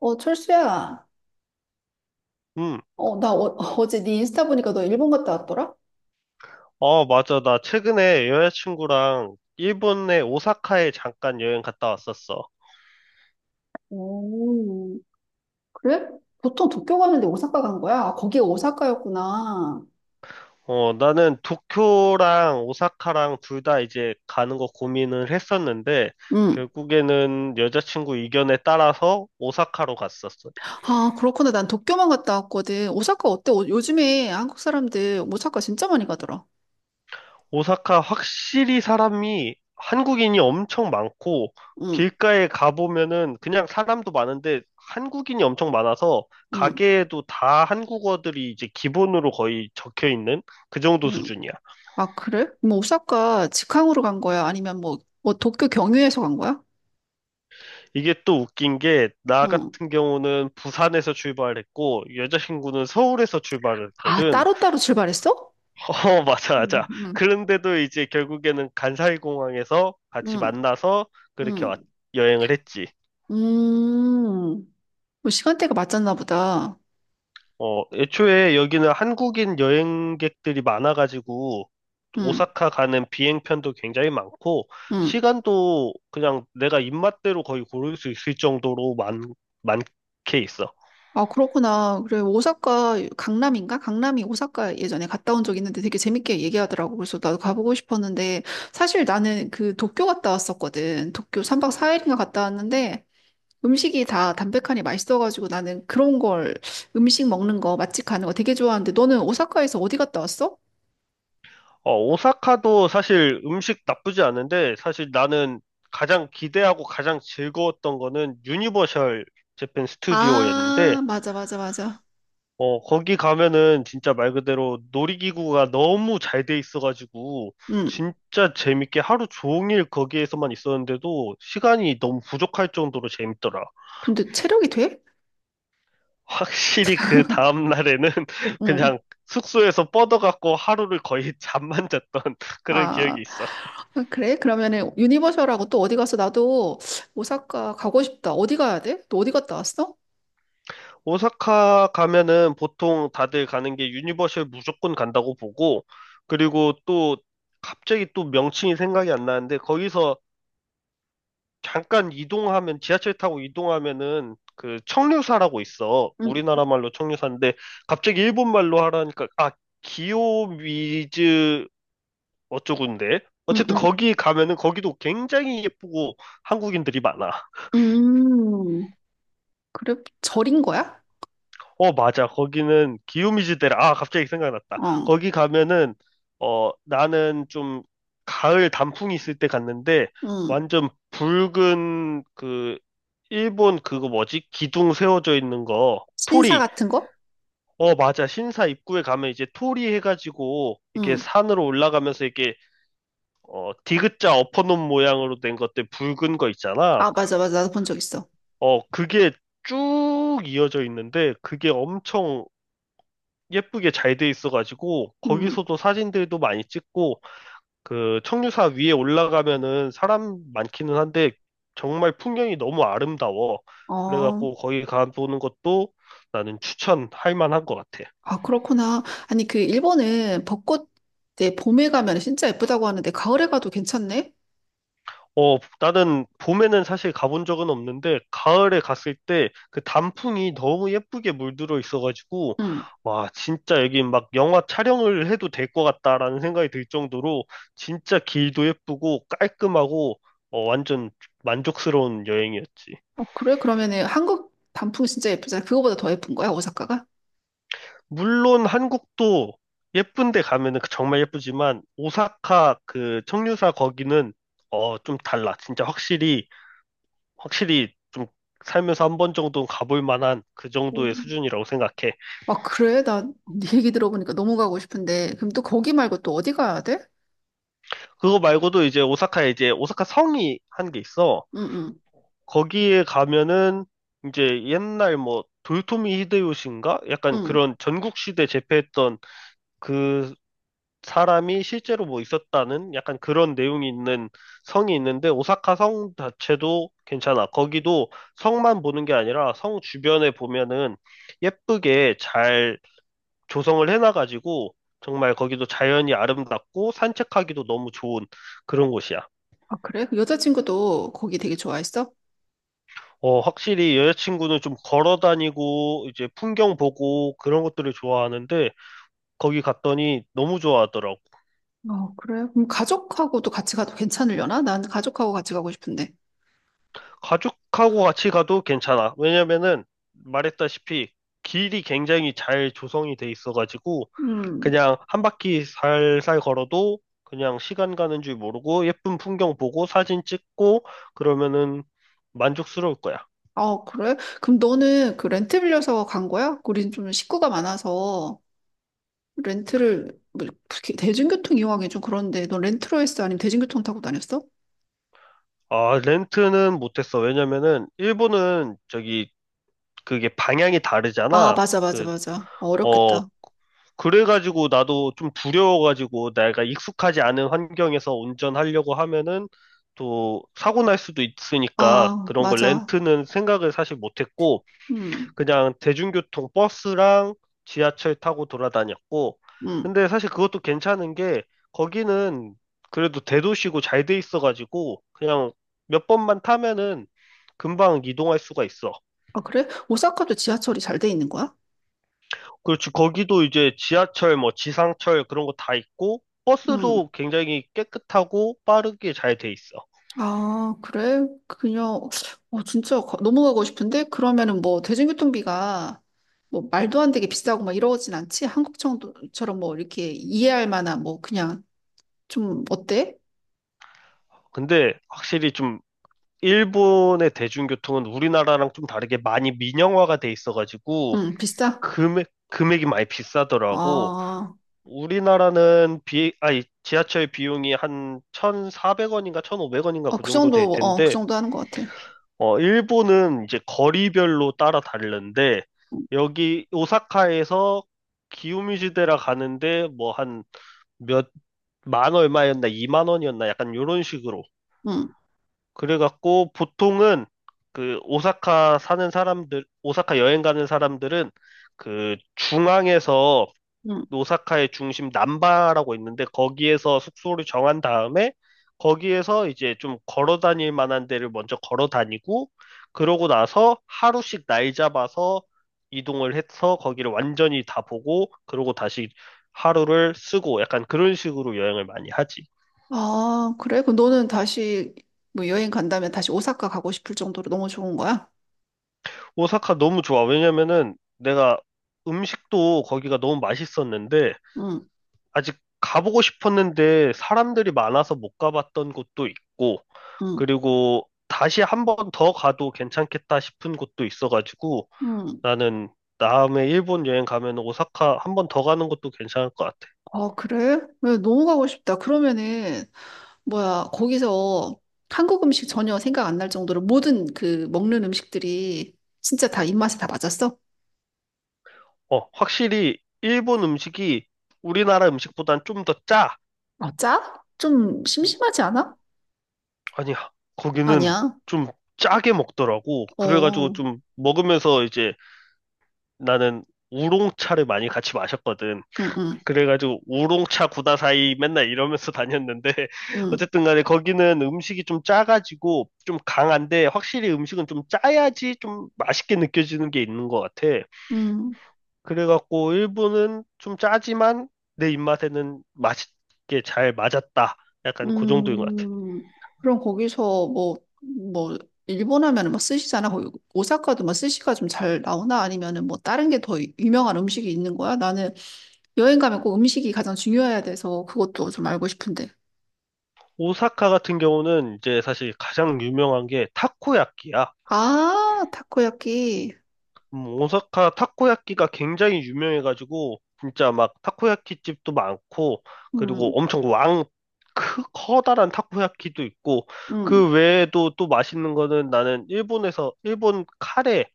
어, 철수야. 음. 어, 나 어제 네 인스타 보니까 너 일본 갔다 왔더라? 맞아. 나 최근에 여자친구랑 일본의 오사카에 잠깐 여행 갔다 왔었어. 오, 그래? 보통 도쿄 가는데 오사카 간 거야? 아, 거기 오사카였구나. 어, 나는 도쿄랑 오사카랑 둘 다 이제 가는 거 고민을 했었는데, 응. 결국에는 여자친구 의견에 따라서 오사카로 갔었어. 아, 그렇구나. 난 도쿄만 갔다 왔거든. 오사카 어때? 요즘에 한국 사람들 오사카 진짜 많이 가더라. 오사카 확실히 사람이 한국인이 엄청 많고 응, 길가에 가보면은 그냥 사람도 많은데 한국인이 엄청 많아서 응, 가게에도 다 한국어들이 이제 기본으로 거의 적혀 있는 그 정도 응. 수준이야. 아, 그래? 뭐 오사카 직항으로 간 거야? 아니면 뭐 도쿄 경유해서 간 거야? 이게 또 웃긴 게 나 응. 같은 경우는 부산에서 출발했고 여자친구는 서울에서 아, 출발했거든. 따로따로 출발했어? 어, 맞아, 응, 맞아. 응, 그런데도 이제 결국에는 간사이공항에서 같이 응, 만나서 그렇게 응. 왔, 여행을 했지. 음. 뭐 시간대가 맞았나 보다. 애초에 여기는 한국인 여행객들이 많아가지고, 응, 오사카 가는 비행편도 굉장히 많고, 응. 시간도 그냥 내가 입맛대로 거의 고를 수 있을 정도로 많게 있어. 아, 그렇구나. 그래, 오사카, 강남인가? 강남이 오사카 예전에 갔다 온 적 있는데 되게 재밌게 얘기하더라고. 그래서 나도 가보고 싶었는데, 사실 나는 그 도쿄 갔다 왔었거든. 도쿄 3박 4일인가 갔다 왔는데, 음식이 다 담백하니 맛있어가지고 나는 그런 걸, 음식 먹는 거, 맛집 가는 거 되게 좋아하는데, 너는 오사카에서 어디 갔다 왔어? 어, 오사카도 사실 음식 나쁘지 않은데, 사실 나는 가장 기대하고 가장 즐거웠던 거는 유니버셜 재팬 스튜디오였는데, 아, 맞아, 맞아, 맞아. 거기 가면은 진짜 말 그대로 놀이기구가 너무 잘 돼 있어가지고, 응. 진짜 재밌게 하루 종일 거기에서만 있었는데도 시간이 너무 부족할 정도로 재밌더라. 근데 체력이 돼? 확실히 그 다음날에는 응. 그냥 숙소에서 뻗어갖고 하루를 거의 잠만 잤던 그런 기억이 아, 있어. 아, 그래? 그러면은 유니버셜하고 또 어디 가서 나도 오사카 가고 싶다. 어디 가야 돼? 너 어디 갔다 왔어? 오사카 가면은 보통 다들 가는 게 유니버셜 무조건 간다고 보고, 그리고 또 갑자기 또 명칭이 생각이 안 나는데, 거기서 잠깐 이동하면 지하철 타고 이동하면은 그 청류사라고 있어. 응, 우리나라 말로 청류사인데 갑자기 일본 말로 하라니까 아 기요미즈 어쩌군데. 응, 어쨌든 응. 거기 가면은 거기도 굉장히 예쁘고 한국인들이 많아. 음, 그래? 절인 거야? 어, 맞아. 거기는 기요미즈데라. 아, 갑자기 생각났다. 어, 거기 가면은, 나는 좀 가을 단풍이 있을 때 갔는데, 응. 완전 붉은 그, 일본 그거 뭐지? 기둥 세워져 있는 거. 신사 토리. 같은 거? 어, 맞아. 신사 입구에 가면 이제 토리 해가지고, 이렇게 응. 산으로 올라가면서 이렇게, 디귿자 엎어놓은 모양으로 된 것들 붉은 거 있잖아. 아, 맞아, 맞아. 나도 본 적 있어. 그게 쭉 이어져 있는데, 그게 엄청 예쁘게 잘 돼 있어가지고 응. 거기서도 사진들도 많이 찍고 그 청류사 위에 올라가면은 사람 많기는 한데 정말 풍경이 너무 아름다워. 어, 그래가지고 거기 가보는 것도 나는 추천할 만한 것 같아. 아, 그렇구나. 아니, 그 일본은 벚꽃 때 봄에 가면 진짜 예쁘다고 하는데 가을에 가도 괜찮네? 나는 봄에는 사실 가본 적은 없는데, 가을에 갔을 때 그 단풍이 너무 예쁘게 물들어 있어가지고, 응. 와, 진짜 여기 막 영화 촬영을 해도 될 것 같다라는 생각이 들 정도로, 진짜 길도 예쁘고 깔끔하고, 완전 만족스러운 여행이었지. 어, 그래? 그러면은 한국 단풍 진짜 예쁘잖아. 그거보다 더 예쁜 거야, 오사카가? 물론 한국도 예쁜데 가면은 그 정말 예쁘지만, 오사카 그 청류사 거기는, 좀 달라. 진짜 확실히 좀 살면서 한 번 정도는 가볼 만한 그 정도의 수준이라고 생각해. 아, 그래? 나 네 얘기 들어보니까 너무 가고 싶은데. 그럼 또 거기 말고 또 어디 가야 돼? 그거 말고도 이제 오사카에 이제 오사카 성이 한 게 있어. 응, 응, 거기에 가면은 이제 옛날 뭐 도요토미 히데요시인가? 약간 응. 그런 전국 시대 제패했던 그 사람이 실제로 뭐 있었다는 약간 그런 내용이 있는 성이 있는데 오사카 성 자체도 괜찮아. 거기도 성만 보는 게 아니라 성 주변에 보면은 예쁘게 잘 조성을 해놔가지고 정말 거기도 자연이 아름답고 산책하기도 너무 좋은 그런 곳이야. 아, 그래? 그 여자친구도 거기 되게 좋아했어? 어, 확실히 여자친구는 좀 걸어 다니고 이제 풍경 보고 그런 것들을 좋아하는데 거기 갔더니 너무 좋아하더라고. 어, 그래? 그럼 가족하고도 같이 가도 괜찮으려나? 난 가족하고 같이 가고 싶은데. 가족하고 같이 가도 괜찮아. 왜냐면은 말했다시피 길이 굉장히 잘 조성이 돼 있어가지고 음. 그냥 한 바퀴 살살 걸어도 그냥 시간 가는 줄 모르고 예쁜 풍경 보고 사진 찍고 그러면은 만족스러울 거야. 아, 그래? 그럼 너는 그 렌트 빌려서 간 거야? 우린 좀 식구가 많아서 렌트를, 뭐, 특히 대중교통 이용하기 좀 그런데 넌 렌트로 했어? 아니면 대중교통 타고 다녔어? 아, 렌트는 못했어. 왜냐면은, 일본은 저기, 그게 방향이 아, 다르잖아. 맞아, 맞아, 그, 맞아. 어, 어, 어렵겠다. 그래가지고 나도 좀 두려워가지고 내가 익숙하지 않은 환경에서 운전하려고 하면은 또 사고 날 수도 있으니까 아, 그런 걸 맞아. 렌트는 생각을 사실 못했고, 음. 그냥 대중교통 버스랑 지하철 타고 돌아다녔고, 음, 근데 사실 그것도 괜찮은 게 거기는 그래도 대도시고 잘 돼 있어가지고 그냥 몇 번만 타면은 금방 이동할 수가 있어. 아, 그래? 오사카도 지하철이 잘 돼 있는 거야? 그렇지, 거기도 이제 지하철, 뭐 지상철 그런 거 다 있고, 응. 버스도 굉장히 깨끗하고 빠르게 잘 돼 있어. 아, 그래? 그냥, 어, 진짜 너무 가고 싶은데? 그러면은 뭐, 대중교통비가 뭐, 말도 안 되게 비싸고 막 이러진 않지? 한국 정도처럼 뭐, 이렇게 이해할 만한 뭐, 그냥 좀, 어때? 근데 확실히 좀 일본의 대중교통은 우리나라랑 좀 다르게 많이 민영화가 돼 있어가지고, 응, 비싸? 금액이 많이 비싸더라고. 아, 우리나라는 아니, 지하철 비용이 한 1,400원인가 1,500원인가 아, 그 그 정도 될 정도, 어, 그 텐데, 정도 하는 것 같아. 일본은 이제 거리별로 따라 다른데, 응, 여기 오사카에서 기요미즈데라 가는데 뭐 한 몇 만 얼마였나 2만 원이었나 약간 요런 식으로. 응. 그래갖고 보통은 그 오사카 사는 사람들, 오사카 여행 가는 사람들은 그 중앙에서 응. 오사카의 중심 남바라고 있는데 거기에서 숙소를 정한 다음에 거기에서 이제 좀 걸어 다닐 만한 데를 먼저 걸어 다니고 그러고 나서 하루씩 날 잡아서 이동을 해서 거기를 완전히 다 보고 그러고 다시 하루를 쓰고 약간 그런 식으로 여행을 많이 하지. 아, 그래? 그럼 너는 다시 뭐 여행 간다면 다시 오사카 가고 싶을 정도로 너무 좋은 거야? 오사카 너무 좋아. 왜냐면은 내가 음식도 거기가 너무 맛있었는데 응, 아직 가보고 싶었는데 사람들이 많아서 못 가봤던 곳도 있고 응, 그리고 다시 한 번 더 가도 괜찮겠다 싶은 곳도 있어가지고 응. 나는 다음에 일본 여행 가면 오사카 한 번 더 가는 것도 괜찮을 것 같아. 아, 그래? 왜, 너무 가고 싶다. 그러면은, 뭐야, 거기서 한국 음식 전혀 생각 안 날 정도로 모든 그 먹는 음식들이 진짜 다 입맛에 다 맞았어? 어, 확실히 일본 음식이 우리나라 음식보단 좀 더 짜. 아, 짜? 좀 심심하지 않아? 아니야, 거기는 아니야. 좀 짜게 먹더라고. 어, 그래가지고 응, 좀 먹으면서 이제 나는 우롱차를 많이 같이 마셨거든. 응, 그래가지고 우롱차 구다사이 맨날 이러면서 다녔는데 응, 어쨌든 간에 거기는 음식이 좀 짜가지고 좀 강한데 확실히 음식은 좀 짜야지 좀 맛있게 느껴지는 게 있는 것 같아. 응. 그래갖고 일본은 좀 짜지만 내 입맛에는 맛있게 잘 맞았다. 약간 그 정도인 것 같아. 음, 그럼 거기서 뭐, 일본 하면은 뭐 스시잖아. 거기 오사카도 막 스시가 좀 잘 나오나? 아니면은 뭐 다른 게 더 유명한 음식이 있는 거야? 나는 여행 가면 꼭 음식이 가장 중요해야 돼서 그것도 좀 알고 싶은데. 오사카 같은 경우는 이제 사실 가장 유명한 게 타코야끼야. 아, 타코야키. 오사카 타코야끼가 굉장히 유명해가지고 진짜 막 타코야끼 집도 많고 음, 그리고 엄청 왕 커다란 타코야끼도 있고 그 음. 외에도 또 맛있는 거는 나는 일본에서 일본 카레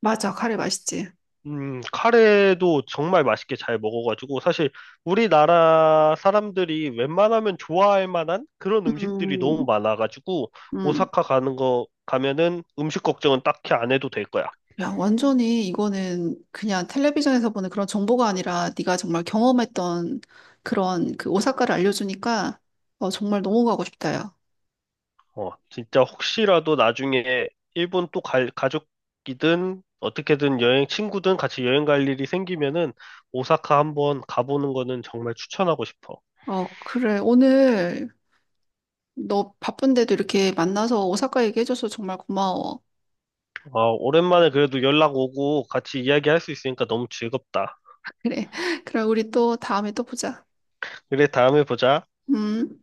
맞아. 카레 맛있지. 카레도 정말 맛있게 잘 먹어가지고 사실 우리나라 사람들이 웬만하면 좋아할 만한 그런 음식들이 너무 음, 많아가지고 음. 오사카 가는 거 가면은 음식 걱정은 딱히 안 해도 될 거야. 야, 완전히 이거는 그냥 텔레비전에서 보는 그런 정보가 아니라 네가 정말 경험했던 그런 그 오사카를 알려주니까 어, 정말 너무 가고 싶다, 야. 진짜 혹시라도 나중에 일본 또 가족이든 어떻게든 여행 친구든 같이 여행 갈 일이 생기면은 오사카 한번 가보는 거는 정말 추천하고 싶어. 어, 그래. 오늘 너 바쁜데도 이렇게 만나서 오사카 얘기해줘서 정말 고마워. 어, 오랜만에 그래도 연락 오고 같이 이야기할 수 있으니까 너무 즐겁다. 그래. 그럼 우리 또 다음에 또 보자. 그래, 다음에 보자. 음.